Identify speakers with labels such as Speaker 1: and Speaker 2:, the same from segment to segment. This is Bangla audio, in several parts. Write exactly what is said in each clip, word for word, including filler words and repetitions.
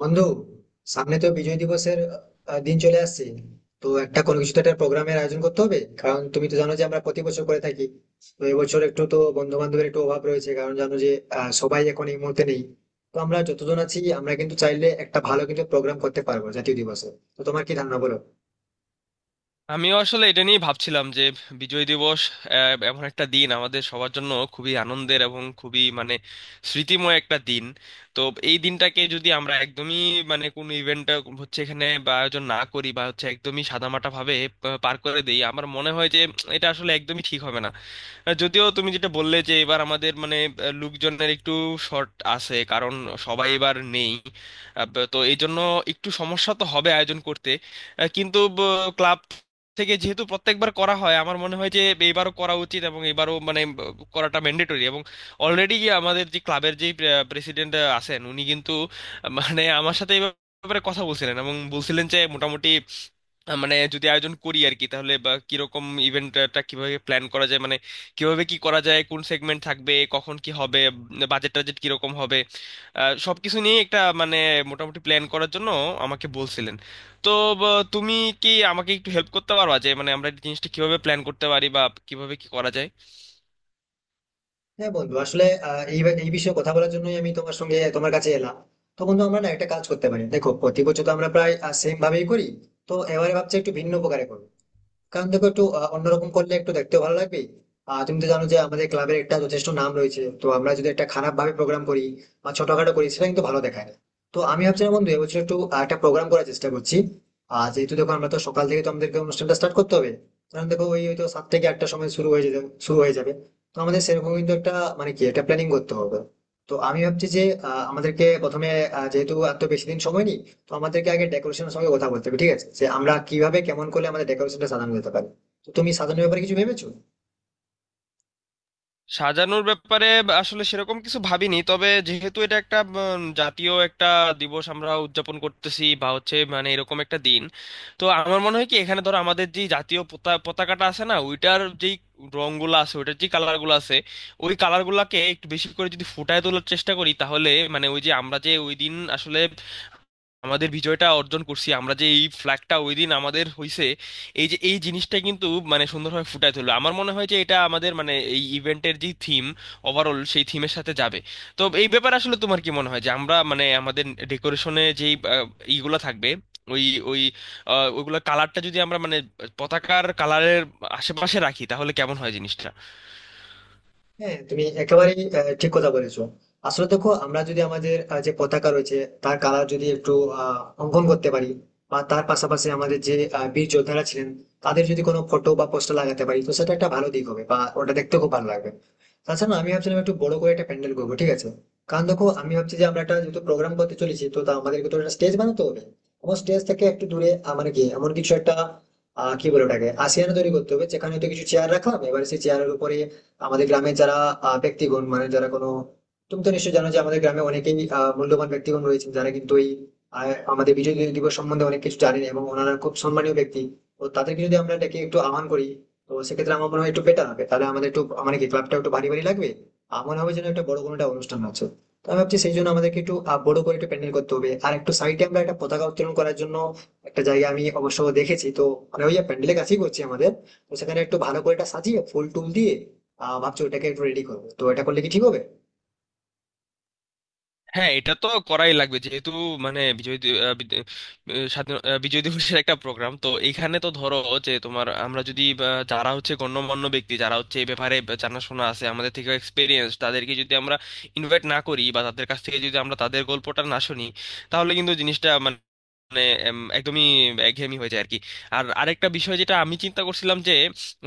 Speaker 1: বন্ধু, সামনে তো বিজয় দিবসের আহ, দিন চলে আসছে। তো একটা কোনো কিছু তো একটা প্রোগ্রামের আয়োজন করতে হবে, কারণ তুমি তো জানো যে আমরা প্রতি বছর করে থাকি। তো এবছর একটু তো বন্ধু বান্ধবের একটু অভাব রয়েছে, কারণ জানো যে আহ, সবাই এখন এই মুহূর্তে নেই। তো আমরা যতজন আছি আমরা কিন্তু চাইলে একটা ভালো কিন্তু প্রোগ্রাম করতে পারবো জাতীয় দিবসে। তো তোমার কি ধারণা বলো?
Speaker 2: আমিও আসলে এটা নিয়েই ভাবছিলাম যে বিজয় দিবস আহ, এমন একটা দিন আমাদের সবার জন্য খুবই আনন্দের এবং খুবই মানে স্মৃতিময় একটা দিন। তো এই দিনটাকে যদি আমরা একদমই মানে কোনো ইভেন্ট হচ্ছে এখানে বা আয়োজন না করি বা হচ্ছে একদমই সাদামাটা ভাবে পা- পার করে দিই, আমার মনে হয় যে এটা আসলে একদমই ঠিক হবে না। আহ, যদিও তুমি যেটা বললে যে এবার আমাদের মানে আহ, লোকজনের একটু শর্ট আছে কারণ সবাই এবার নেই। আহ, ব- তো এই জন্য একটু সমস্যা তো হবে আয়োজন করতে। আহ, কিন্তু ক্লাব থেকে যেহেতু প্রত্যেকবার করা হয়, আমার মনে হয় যে এইবারও করা উচিত এবং এবারও মানে ব, করাটা ম্যান্ডেটরি। এবং অলরেডি আমাদের যে ক্লাবের যে প্রেসিডেন্ট আছেন উনি কিন্তু আহ, মানে আমার সাথে এই ব্যাপারে কথা বলছিলেন এবং বলছিলেন যে মোটামুটি আহ, মানে যদি আয়োজন করি আর কি তাহলে বা কিরকম ইভেন্টটা কিভাবে প্ল্যান করা যায়, মানে কিভাবে কি করা যায়, কোন সেগমেন্ট থাকবে, কখন কি হবে, বাজেট টাজেট কিরকম হবে, আহ, সবকিছু নিয়ে একটা মানে মোটামুটি প্ল্যান করার জন্য আমাকে বলছিলেন। তো বা, তুমি কি আমাকে একটু হেল্প করতে পারবা যে মানে আমরা এই জিনিসটা কিভাবে প্ল্যান করতে পারি বা কিভাবে কি করা যায়?
Speaker 1: হ্যাঁ বন্ধু, আসলে আহ, এই এই বিষয়ে কথা বলার জন্যই আমি তোমার সঙ্গে তোমার কাছে এলাম। তো বন্ধু, আমরা না একটা কাজ করতে পারি। দেখো, প্রতি বছর তো আমরা প্রায় সেম ভাবেই করি। তো এবারে ভাবছি একটু ভিন্ন প্রকারে করবো, কারণ দেখো একটু আহ, অন্যরকম করলে একটু দেখতেও ভালো লাগবে। আর তুমি তো জানো যে আমাদের ক্লাবের একটা যথেষ্ট নাম রয়েছে, তো আমরা যদি একটা খারাপ ভাবে প্রোগ্রাম করি বা ছোটখাটো করি সেটা কিন্তু ভালো দেখায় না। তো আমি ভাবছিলাম বন্ধু, এবছর একটু আহ, একটা প্রোগ্রাম করার চেষ্টা করছি। আর যেহেতু দেখো আমরা তো সকাল থেকে তো আমাদেরকে অনুষ্ঠানটা স্টার্ট করতে হবে, কারণ দেখো ওই হয়তো সাত থেকে আটটার সময় শুরু হয়ে যেতে শুরু হয়ে যাবে। তো আমাদের সেরকম কিন্তু একটা মানে কি একটা প্ল্যানিং করতে হবে। তো আমি ভাবছি যে আহ, আমাদেরকে প্রথমে আহ, যেহেতু আর তো বেশি দিন সময় নেই, তো আমাদেরকে আগে ডেকোরেশনের সঙ্গে কথা বলতে হবে, ঠিক আছে? যে আমরা কিভাবে কেমন করলে আমাদের ডেকোরেশনটা সাজানো যেতে পারে। তো তুমি সাজানোর ব্যাপারে কিছু ভেবেছো?
Speaker 2: সাজানোর ব্যাপারে আসলে সেরকম কিছু ভাবিনি, তবে যেহেতু এটা একটা উম, জাতীয় একটা দিবস আমরা উদযাপন করতেছি বা হচ্ছে মানে এরকম একটা দিন, তো আমার মনে হয় কি এখানে ধরো আমাদের যে জাতীয় পতা- পতাকাটা আছে না ওইটার যেই রংগুলো আছে, ওইটার যে কালারগুলো আছে, ওই কালারগুলোকে একটু বেশি করে যদি ফুটায় তোলার চেষ্টা করি, তাহলে মানে ওই যে আমরা যে ওই দিন আসলে আমাদের বিজয়টা অর্জন করছি, আমরা যে এই ফ্ল্যাগটা ওই দিন আমাদের হইছে, এই যে এই জিনিসটা কিন্তু মানে সুন্দরভাবে ফুটায় তুললো আমার মনে হয় যে এটা আমাদের মানে এই ইভেন্টের যে থিম ওভারঅল সেই থিমের সাথে যাবে। তো এই ব্যাপারে আসলে তোমার কি মনে হয় যে আমরা মানে আমাদের ডেকোরেশনে যেই আহ, ইগুলা থাকবে ওই ওই আহ, ওইগুলা কালারটা যদি আমরা মানে পতাকার কালারের আশেপাশে রাখি তাহলে কেমন হয় জিনিসটা?
Speaker 1: হ্যাঁ, তুমি একেবারেই আহ, ঠিক কথা বলেছো। আসলে দেখো আমরা যদি আমাদের আহ, যে পতাকা রয়েছে তার কালার যদি একটু আহ, অঙ্কন করতে পারি, বা তার পাশাপাশি আমাদের যে আহ, বীর যোদ্ধারা ছিলেন তাদের যদি কোনো ফটো বা পোস্টার লাগাতে পারি, তো সেটা একটা ভালো দিক হবে বা ওটা দেখতে খুব ভালো লাগবে। তাছাড়া আমি ভাবছিলাম একটু বড় করে একটা প্যান্ডেল করবো, ঠিক আছে? কারণ দেখো আমি ভাবছি যে আমরা একটা যেহেতু প্রোগ্রাম করতে চলেছি, তো তা আমাদেরকে তো একটা স্টেজ বানাতে হবে। আমার স্টেজ থেকে একটু দূরে আমার কি এমন কিছু একটা আহ কি বলে ওটাকে আসিয়ানা তৈরি করতে হবে, যেখানে হয়তো কিছু চেয়ার রাখলাম। এবার সেই চেয়ারের উপরে আমাদের গ্রামে যারা আহ, ব্যক্তিগণ মানে যারা কোনো তুমি তো নিশ্চয়ই জানো যে আমাদের গ্রামে অনেকেই আহ, মূল্যবান ব্যক্তিগণ রয়েছেন যারা কিন্তু এই আহ, আমাদের বিজয় দিবস সম্বন্ধে অনেক কিছু জানেন, এবং ওনারা খুব সম্মানীয় ব্যক্তি। তো তাদেরকে যদি আমরা ডেকে একটু আহ্বান করি, তো সেক্ষেত্রে আমার মনে হয় একটু বেটার হবে। তাহলে আমাদের একটু মানে কি ক্লাবটা একটু ভারী ভারী লাগবে। আমার মনে হবে যেন একটা বড় কোনো একটা অনুষ্ঠান আছে। তো আমি ভাবছি সেই জন্য আমাদেরকে একটু আহ, বড় করে একটু প্যান্ডেল করতে হবে। আর একটু সাইডে আমরা একটা পতাকা উত্তোলন করার জন্য একটা জায়গা আমি অবশ্য দেখেছি, তো মানে ওই প্যান্ডেলের কাছেই করছি আমাদের। তো সেখানে একটু ভালো করে এটা সাজিয়ে ফুল টুল দিয়ে আহ ভাবছি ওটাকে একটু রেডি করবো। তো এটা করলে কি ঠিক হবে?
Speaker 2: হ্যাঁ, এটা তো করাই লাগবে যেহেতু মানে বিজয় দি- আহ, বিদ- আহ, স্বাধীন- আহ, বিজয় দিবসের একটা প্রোগ্রাম। তো এখানে তো ধরো যে তোমার আমরা যদি আহ, যারা হচ্ছে গণ্যমান্য ব্যক্তি, যারা হচ্ছে এই ব্যাপারে জানাশোনা আছে, আমাদের থেকে এক্সপিরিয়েন্স, তাদেরকে যদি আমরা ইনভাইট না করি বা তাদের কাছ থেকে যদি আমরা তাদের গল্পটা না শুনি, তাহলে কিন্তু জিনিসটা মানে মানে এম, একদমই একঘেয়েমি হয়ে যায় আর কি। আর আরেকটা বিষয় যেটা আমি চিন্তা করছিলাম যে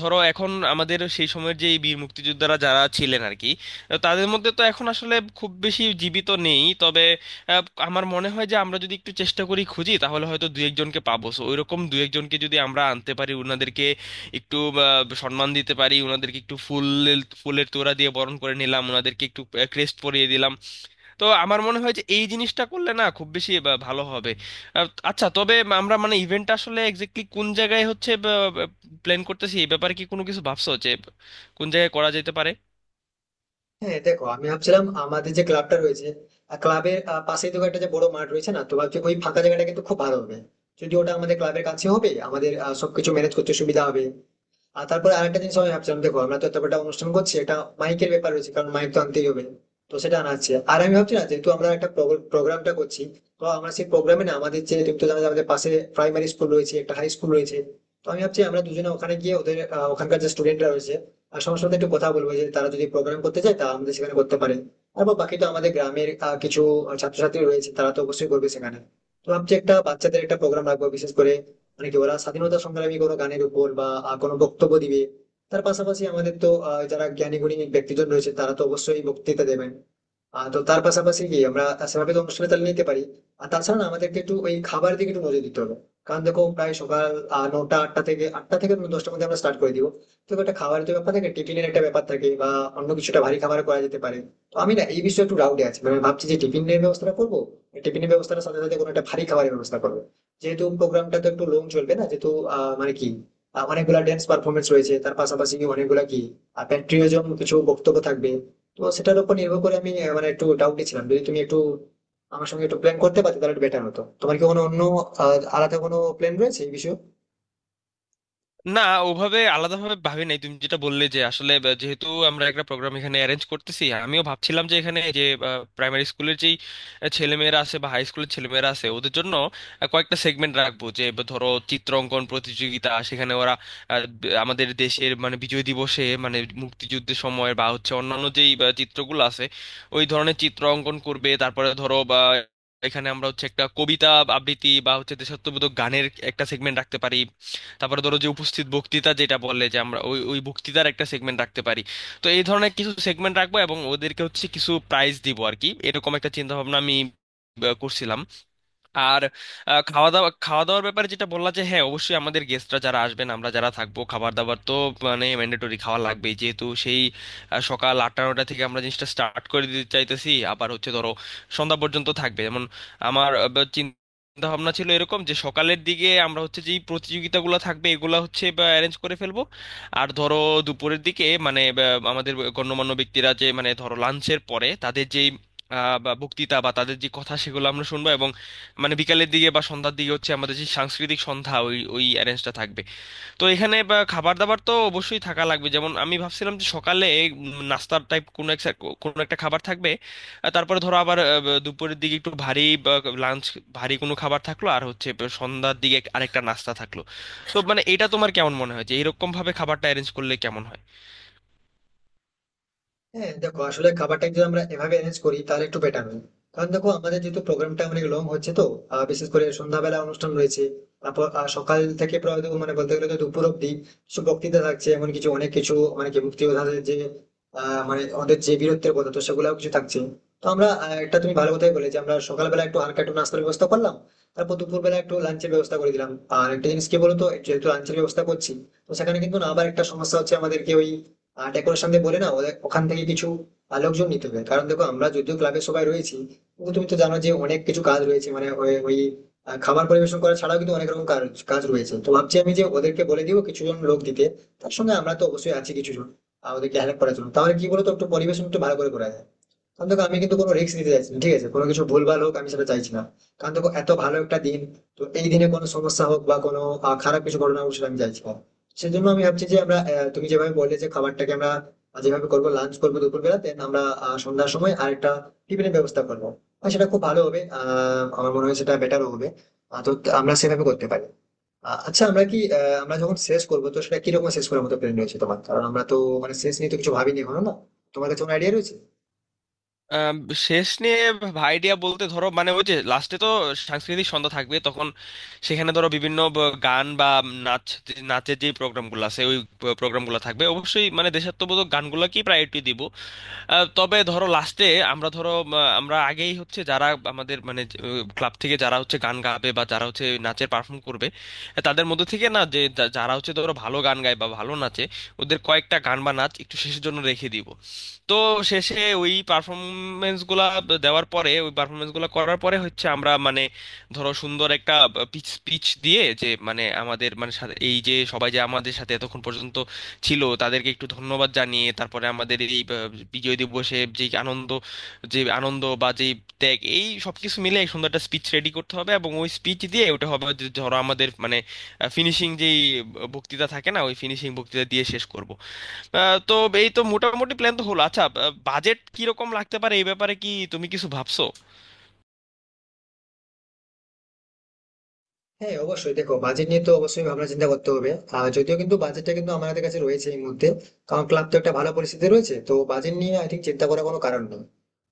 Speaker 2: ধরো এখন আমাদের সেই সময়ের যে এই বীর মুক্তিযোদ্ধারা যারা ছিলেন আর কি, তাদের মধ্যে তো এখন আসলে খুব বেশি জীবিত নেই, তবে আহ, আমার মনে হয় যে আমরা যদি একটু চেষ্টা করি খুঁজি তাহলে হয়তো দু একজনকে পাবো। সো ওইরকম দু একজনকে যদি আমরা আনতে পারি, ওনাদেরকে একটু আহ, সম্মান দিতে পারি, ওনাদেরকে একটু ফুল ফুলের তোড়া দিয়ে বরণ করে নিলাম, ওনাদেরকে একটু ক্রেস্ট পরিয়ে দিলাম, তো আমার মনে হয় যে এই জিনিসটা করলে না খুব বেশি বা- ভালো হবে। আহ, আচ্ছা, তবে আমরা মানে ইভেন্টটা আসলে এক্স্যাক্টলি কোন জায়গায় হচ্ছে প্ল্যান করতেছি, এই ব্যাপারে কি কোনো কিছু ভাবছো যে কোন জায়গায় করা যেতে পারে?
Speaker 1: হ্যাঁ দেখো, আমি ভাবছিলাম আমাদের যে ক্লাবটা রয়েছে ক্লাবের পাশেই তো একটা যে বড় মাঠ রয়েছে না, তো ভাবছি ওই ফাঁকা জায়গাটা কিন্তু খুব ভালো হবে। যদি ওটা আমাদের ক্লাবের কাছে হবে আমাদের আহ, সবকিছু ম্যানেজ করতে সুবিধা হবে। আর তারপরে আরেকটা জিনিস আমি ভাবছিলাম, দেখো আমরা তো এত বড় একটা অনুষ্ঠান করছি, এটা মাইকের ব্যাপার রয়েছে, কারণ মাইক তো আনতেই হবে। তো সেটা আনা আছে। আর আমি ভাবছি না, যেহেতু আমরা একটা প্রোগ্রামটা করছি, তো আমরা সেই প্রোগ্রামে না আমাদের যে তুমি তো জানো যে আমাদের পাশে প্রাইমারি স্কুল রয়েছে, একটা হাই স্কুল রয়েছে। তো আমি ভাবছি আমরা দুজনে ওখানে গিয়ে ওদের আহ, ওখানকার যে স্টুডেন্টরা রয়েছে আর সবার সাথে একটু কথা বলবো, যে তারা যদি প্রোগ্রাম করতে চায় তা আমাদের সেখানে করতে পারে। আর বা বাকি তো আমাদের গ্রামের আহ, কিছু ছাত্রছাত্রী রয়েছে, তারা তো অবশ্যই করবে সেখানে। তো ভাবছি একটা বাচ্চাদের একটা প্রোগ্রাম রাখবো, বিশেষ করে মানে কি ওরা স্বাধীনতা সংগ্রামী কোনো গানের উপর বা আহ, কোনো বক্তব্য দিবে। তার পাশাপাশি আমাদের তো আহ, যারা জ্ঞানী গুণী ব্যক্তিজন রয়েছে তারা তো অবশ্যই বক্তৃতা দেবেন। আহ, তো তার পাশাপাশি কি আমরা সেভাবে তো অনুষ্ঠানে তাহলে নিতে পারি। আর তাছাড়া না আমাদেরকে একটু ওই খাবার দিকে একটু নজর দিতে হবে, কারণ দেখো প্রায় সকাল আহ, নটা আটটা থেকে আটটা থেকে দশটার মধ্যে আমরা স্টার্ট করে দিব। তো একটা খাবারের তো ব্যাপার থাকে, টিফিনের একটা ব্যাপার থাকে, বা অন্য কিছুটা ভারী খাবার করা যেতে পারে। তো আমি না এই বিষয়ে একটু ডাউটে আছি, মানে ভাবছি যে টিফিনের ব্যবস্থাটা করবো, টিফিনের ব্যবস্থার সাথে সাথে কোনো একটা ভারী খাবারের ব্যবস্থা করবো, যেহেতু প্রোগ্রামটা তো একটু লং চলবে না যেহেতু আহ মানে কি আহ, অনেকগুলা ড্যান্স পারফরমেন্স রয়েছে, তার পাশাপাশি অনেকগুলা কি প্যাট্রিয়টিজম কিছু বক্তব্য থাকবে। তো সেটার উপর নির্ভর করে আমি আহ, মানে একটু ডাউটে ছিলাম, যদি তুমি একটু আমার সঙ্গে একটু প্ল্যান করতে পারতে তাহলে একটু বেটার হতো। তোমার কি কোনো অন্য আহ, আলাদা কোনো প্ল্যান রয়েছে এই বিষয়ে?
Speaker 2: না, ওভাবে আলাদাভাবে ভাবি নাই। তুমি যেটা বললে যে আসলে আহ, যেহেতু আমরা একটা প্রোগ্রাম এখানে অ্যারেঞ্জ করতেছি, আমিও ভাবছিলাম যে এখানে যে প্রাইমারি স্কুলের যেই আহ, ছেলেমেয়েরা আছে বা হাই স্কুলের ছেলেমেয়েরা আছে ওদের জন্য আহ, কয়েকটা সেগমেন্ট রাখবো যে বা ধরো চিত্রাঙ্কন প্রতিযোগিতা, সেখানে ওরা আহ, ব- আমাদের দেশের মানে বিজয় দিবসে মানে মুক্তিযুদ্ধের সময় বা হচ্ছে অন্যান্য যেই আহ, চিত্রগুলো আছে ওই ধরনের চিত্র অঙ্কন করবে। তারপরে ধরো বা এখানে আমরা হচ্ছে একটা কবিতা আবৃত্তি বা হচ্ছে দেশাত্মবোধক গানের একটা সেগমেন্ট রাখতে পারি। তারপরে ধরো যে উপস্থিত বক্তৃতা যেটা বললে যে আমরা ওই ওই বক্তৃতার একটা সেগমেন্ট রাখতে পারি। তো এই ধরনের কিছু সেগমেন্ট রাখবো এবং ওদেরকে হচ্ছে কিছু প্রাইজ দিব আর কি, এরকম একটা চিন্তা ভাবনা আমি আহ, করছিলাম। আর আহ, খাওয়া দাওয়া খাওয়া দাওয়ার ব্যাপারে যেটা বললা যে হ্যাঁ অবশ্যই আমাদের গেস্টরা যারা আসবেন, আমরা যারা থাকবো, খাবার দাবার তো মানে ম্যান্ডেটরি, খাওয়া লাগবেই। যেহেতু সেই আহ, সকাল আটটা নটা থেকে আমরা জিনিসটা স্টার্ট করে দিতে চাইতেছি, আবার হচ্ছে ধরো সন্ধ্যা পর্যন্ত থাকবে। যেমন আমার আহ, বা চিন্তা ভাবনা ছিল এরকম যে সকালের দিকে আমরা হচ্ছে যেই প্রতিযোগিতাগুলো থাকবে এগুলা হচ্ছে অ্যারেঞ্জ করে ফেলবো। আর ধরো দুপুরের দিকে মানে বা, আমাদের গণ্যমান্য ব্যক্তিরা যে মানে ধরো লাঞ্চের পরে তাদের যেই আহ, বা বক্তৃতা বা তাদের যে কথা সেগুলো আমরা শুনবো। মানে বিকালের দিকে বা সন্ধ্যার দিকে হচ্ছে আমাদের যে সাংস্কৃতিক সন্ধ্যা ওই ওই অ্যারেঞ্জটা থাকবে। তো এখানে বা খাবার দাবার তো অবশ্যই থাকা লাগবে। যেমন আমি ভাবছিলাম যে সকালে উম, নাস্তার টাইপ কোনো একটা কোনো একটা খাবার থাকবে। আর তারপরে ধরো আবার আহ, দুপুরের দিকে একটু ভারী লাঞ্চ, ভারী কোনো খাবার থাকলো, আর হচ্ছে সন্ধ্যার দিকে আরেকটা নাস্তা থাকলো। তো মানে এটা তোমার কেমন মনে হয় যে এরকম ভাবে খাবারটা অ্যারেঞ্জ করলে কেমন হয়?
Speaker 1: হ্যাঁ দেখো, আসলে খাবারটা যদি আমরা এভাবে অ্যারেঞ্জ করি তাহলে একটু বেটার হয়। কারণ দেখো আমাদের যেহেতু প্রোগ্রামটা অনেক লং হচ্ছে, তো আহ, বিশেষ করে সন্ধ্যাবেলা অনুষ্ঠান রয়েছে। তারপর আহ, সকাল থেকে প্রায় তো মানে বলতে গেলে তো দুপুর অব্দি কিছু বক্তৃতা থাকছে, এমন কিছু অনেক কিছু মানে কি মুক্তিযোদ্ধাদের যে আহ, মানে ওদের যে বীরত্বের কথা, তো সেগুলাও কিছু থাকছে। তো আমরা আহ, একটা তুমি ভালো কথাই বলে যে আমরা সকালবেলা একটু হালকা একটু নাস্তার ব্যবস্থা করলাম, তারপর দুপুরবেলা একটু লাঞ্চের ব্যবস্থা করে দিলাম। আর একটা জিনিস কি বলতো, যেহেতু লাঞ্চের ব্যবস্থা করছি, তো সেখানে কিন্তু না আবার একটা সমস্যা হচ্ছে, আমাদেরকে ওই ডেকোরেশন দিয়ে বলে না ওদের ওখান থেকে কিছু আহ, লোকজন নিতে হবে। কারণ দেখো আমরা যদিও ক্লাবের সবাই রয়েছি, কিন্তু তুমি তো জানো যে অনেক কিছু কাজ রয়েছে, মানে ওই ওই, আহ, খাবার পরিবেশন করা ছাড়াও কিন্তু অনেক রকম কাজ কাজ রয়েছে। তো ভাবছি আমি যে ওদেরকে বলে দিব কিছু জন লোক দিতে। তার সঙ্গে আমরা তো অবশ্যই আছি কিছু জন আহ, ওদেরকে হেল্প করার জন্য। তাহলে কি বলতো একটু পরিবেশন একটু ভালো করে করা যায়। কারণ দেখো আমি কিন্তু কোনো রিস্ক নিতে চাইছি না, ঠিক আছে? কোনো কিছু ভুলভাল হোক আমি সেটা চাইছি না। কারণ দেখো এত ভালো একটা দিন, তো এই দিনে কোনো সমস্যা হোক বা কোনো আহ, খারাপ কিছু ঘটনা হোক সেটা আমি চাইছি না। সেজন্য আমি ভাবছি যে আমরা আহ, তুমি যেভাবে বললে যে খাবারটাকে আমরা যেভাবে করবো, লাঞ্চ করবো দুপুরবেলা, দেন আমরা আহ, সন্ধ্যার সময় আরেকটা টিফিনের ব্যবস্থা করবো। আর সেটা খুব ভালো হবে, আহ আমার মনে হয় সেটা বেটারও হবে। আহ, তো আমরা সেভাবে করতে পারি। আহ, আচ্ছা, আমরা কি আহ, আমরা যখন শেষ করবো তো সেটা কিরকম শেষ করার মতো প্ল্যান রয়েছে তোমার? কারণ আমরা তো মানে শেষ নিয়ে তো কিছু ভাবিনি এখনো না। তোমার কাছে কোনো আইডিয়া রয়েছে?
Speaker 2: আম, শেষ নিয়ে ভাইডিয়া বলতে ধরো মানে ওই যে লাস্টে তো সাংস্কৃতিক সন্ধ্যা থাকবে, তখন সেখানে ধরো বিভিন্ন ব- গান বা নাচ, নাচের যে প্রোগ্রামগুলো আছে ওই প্রোগ্রামগুলো থাকবে, অবশ্যই মানে দেশাত্মবোধক গানগুলোকেই প্রায়োরিটি দিব। আহ, তবে ধরো লাস্টে আমরা ধরো উম, আমরা আগেই হচ্ছে যারা আমাদের মানে ক্লাব থেকে যারা হচ্ছে গান গাবে বা যারা হচ্ছে নাচের পারফর্ম করবে, আহ, তাদের মধ্যে থেকে না যে যা- যারা হচ্ছে ধরো ভালো গান গায় বা ভালো নাচে, ওদের কয়েকটা গান বা নাচ একটু শেষের জন্য রেখে দিব। তো শেষে ওই পারফরমেন্স গুলা দেওয়ার পরে ওই পারফরমেন্স গুলা করার পরে হচ্ছে আমরা মানে ধরো সুন্দর একটা পিচ স্পিচ দিয়ে যে মানে আমাদের মানে সা- এই যে সবাই যে আমাদের সাথে এতক্ষণ পর্যন্ত ছিল তাদেরকে একটু ধন্যবাদ জানিয়ে, তারপরে আমাদের এই আহ, বিজয় দিবসে যে আনন্দ, যে আনন্দ বা যে ত্যাগ, এই সবকিছু মিলে এক সুন্দর একটা স্পিচ রেডি করতে হবে এবং ওই স্পিচ দিয়ে ওটা হবে যে ধরো আমাদের মানে ফিনিশিং যেই বক্তৃতা থাকে না ওই ফিনিশিং বক্তৃতা দিয়ে শেষ করব। আহ, তো এই তো মোটামুটি প্ল্যান তো হলো। আচ্ছা, বাজেট কিরকম লাগতে পারে এই ব্যাপারে কি তুমি কিছু ভাবছো?
Speaker 1: হ্যাঁ অবশ্যই, দেখো বাজেট নিয়ে তো অবশ্যই ভাবনা চিন্তা করতে হবে। আর যদিও কিন্তু বাজেটটা কিন্তু আমাদের কাছে রয়েছে এই মুহূর্তে, কারণ ক্লাব তো একটা ভালো পরিস্থিতি রয়েছে। তো বাজেট নিয়ে আই থিঙ্ক চিন্তা করার কোনো কারণ নেই।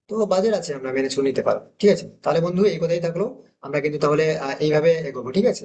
Speaker 1: তো বাজেট আছে, আমরা ম্যানেজ করে নিতে পারবো। ঠিক আছে তাহলে বন্ধু, এই কথাই থাকলো। আমরা কিন্তু তাহলে আহ, এইভাবে এগোবো, ঠিক আছে।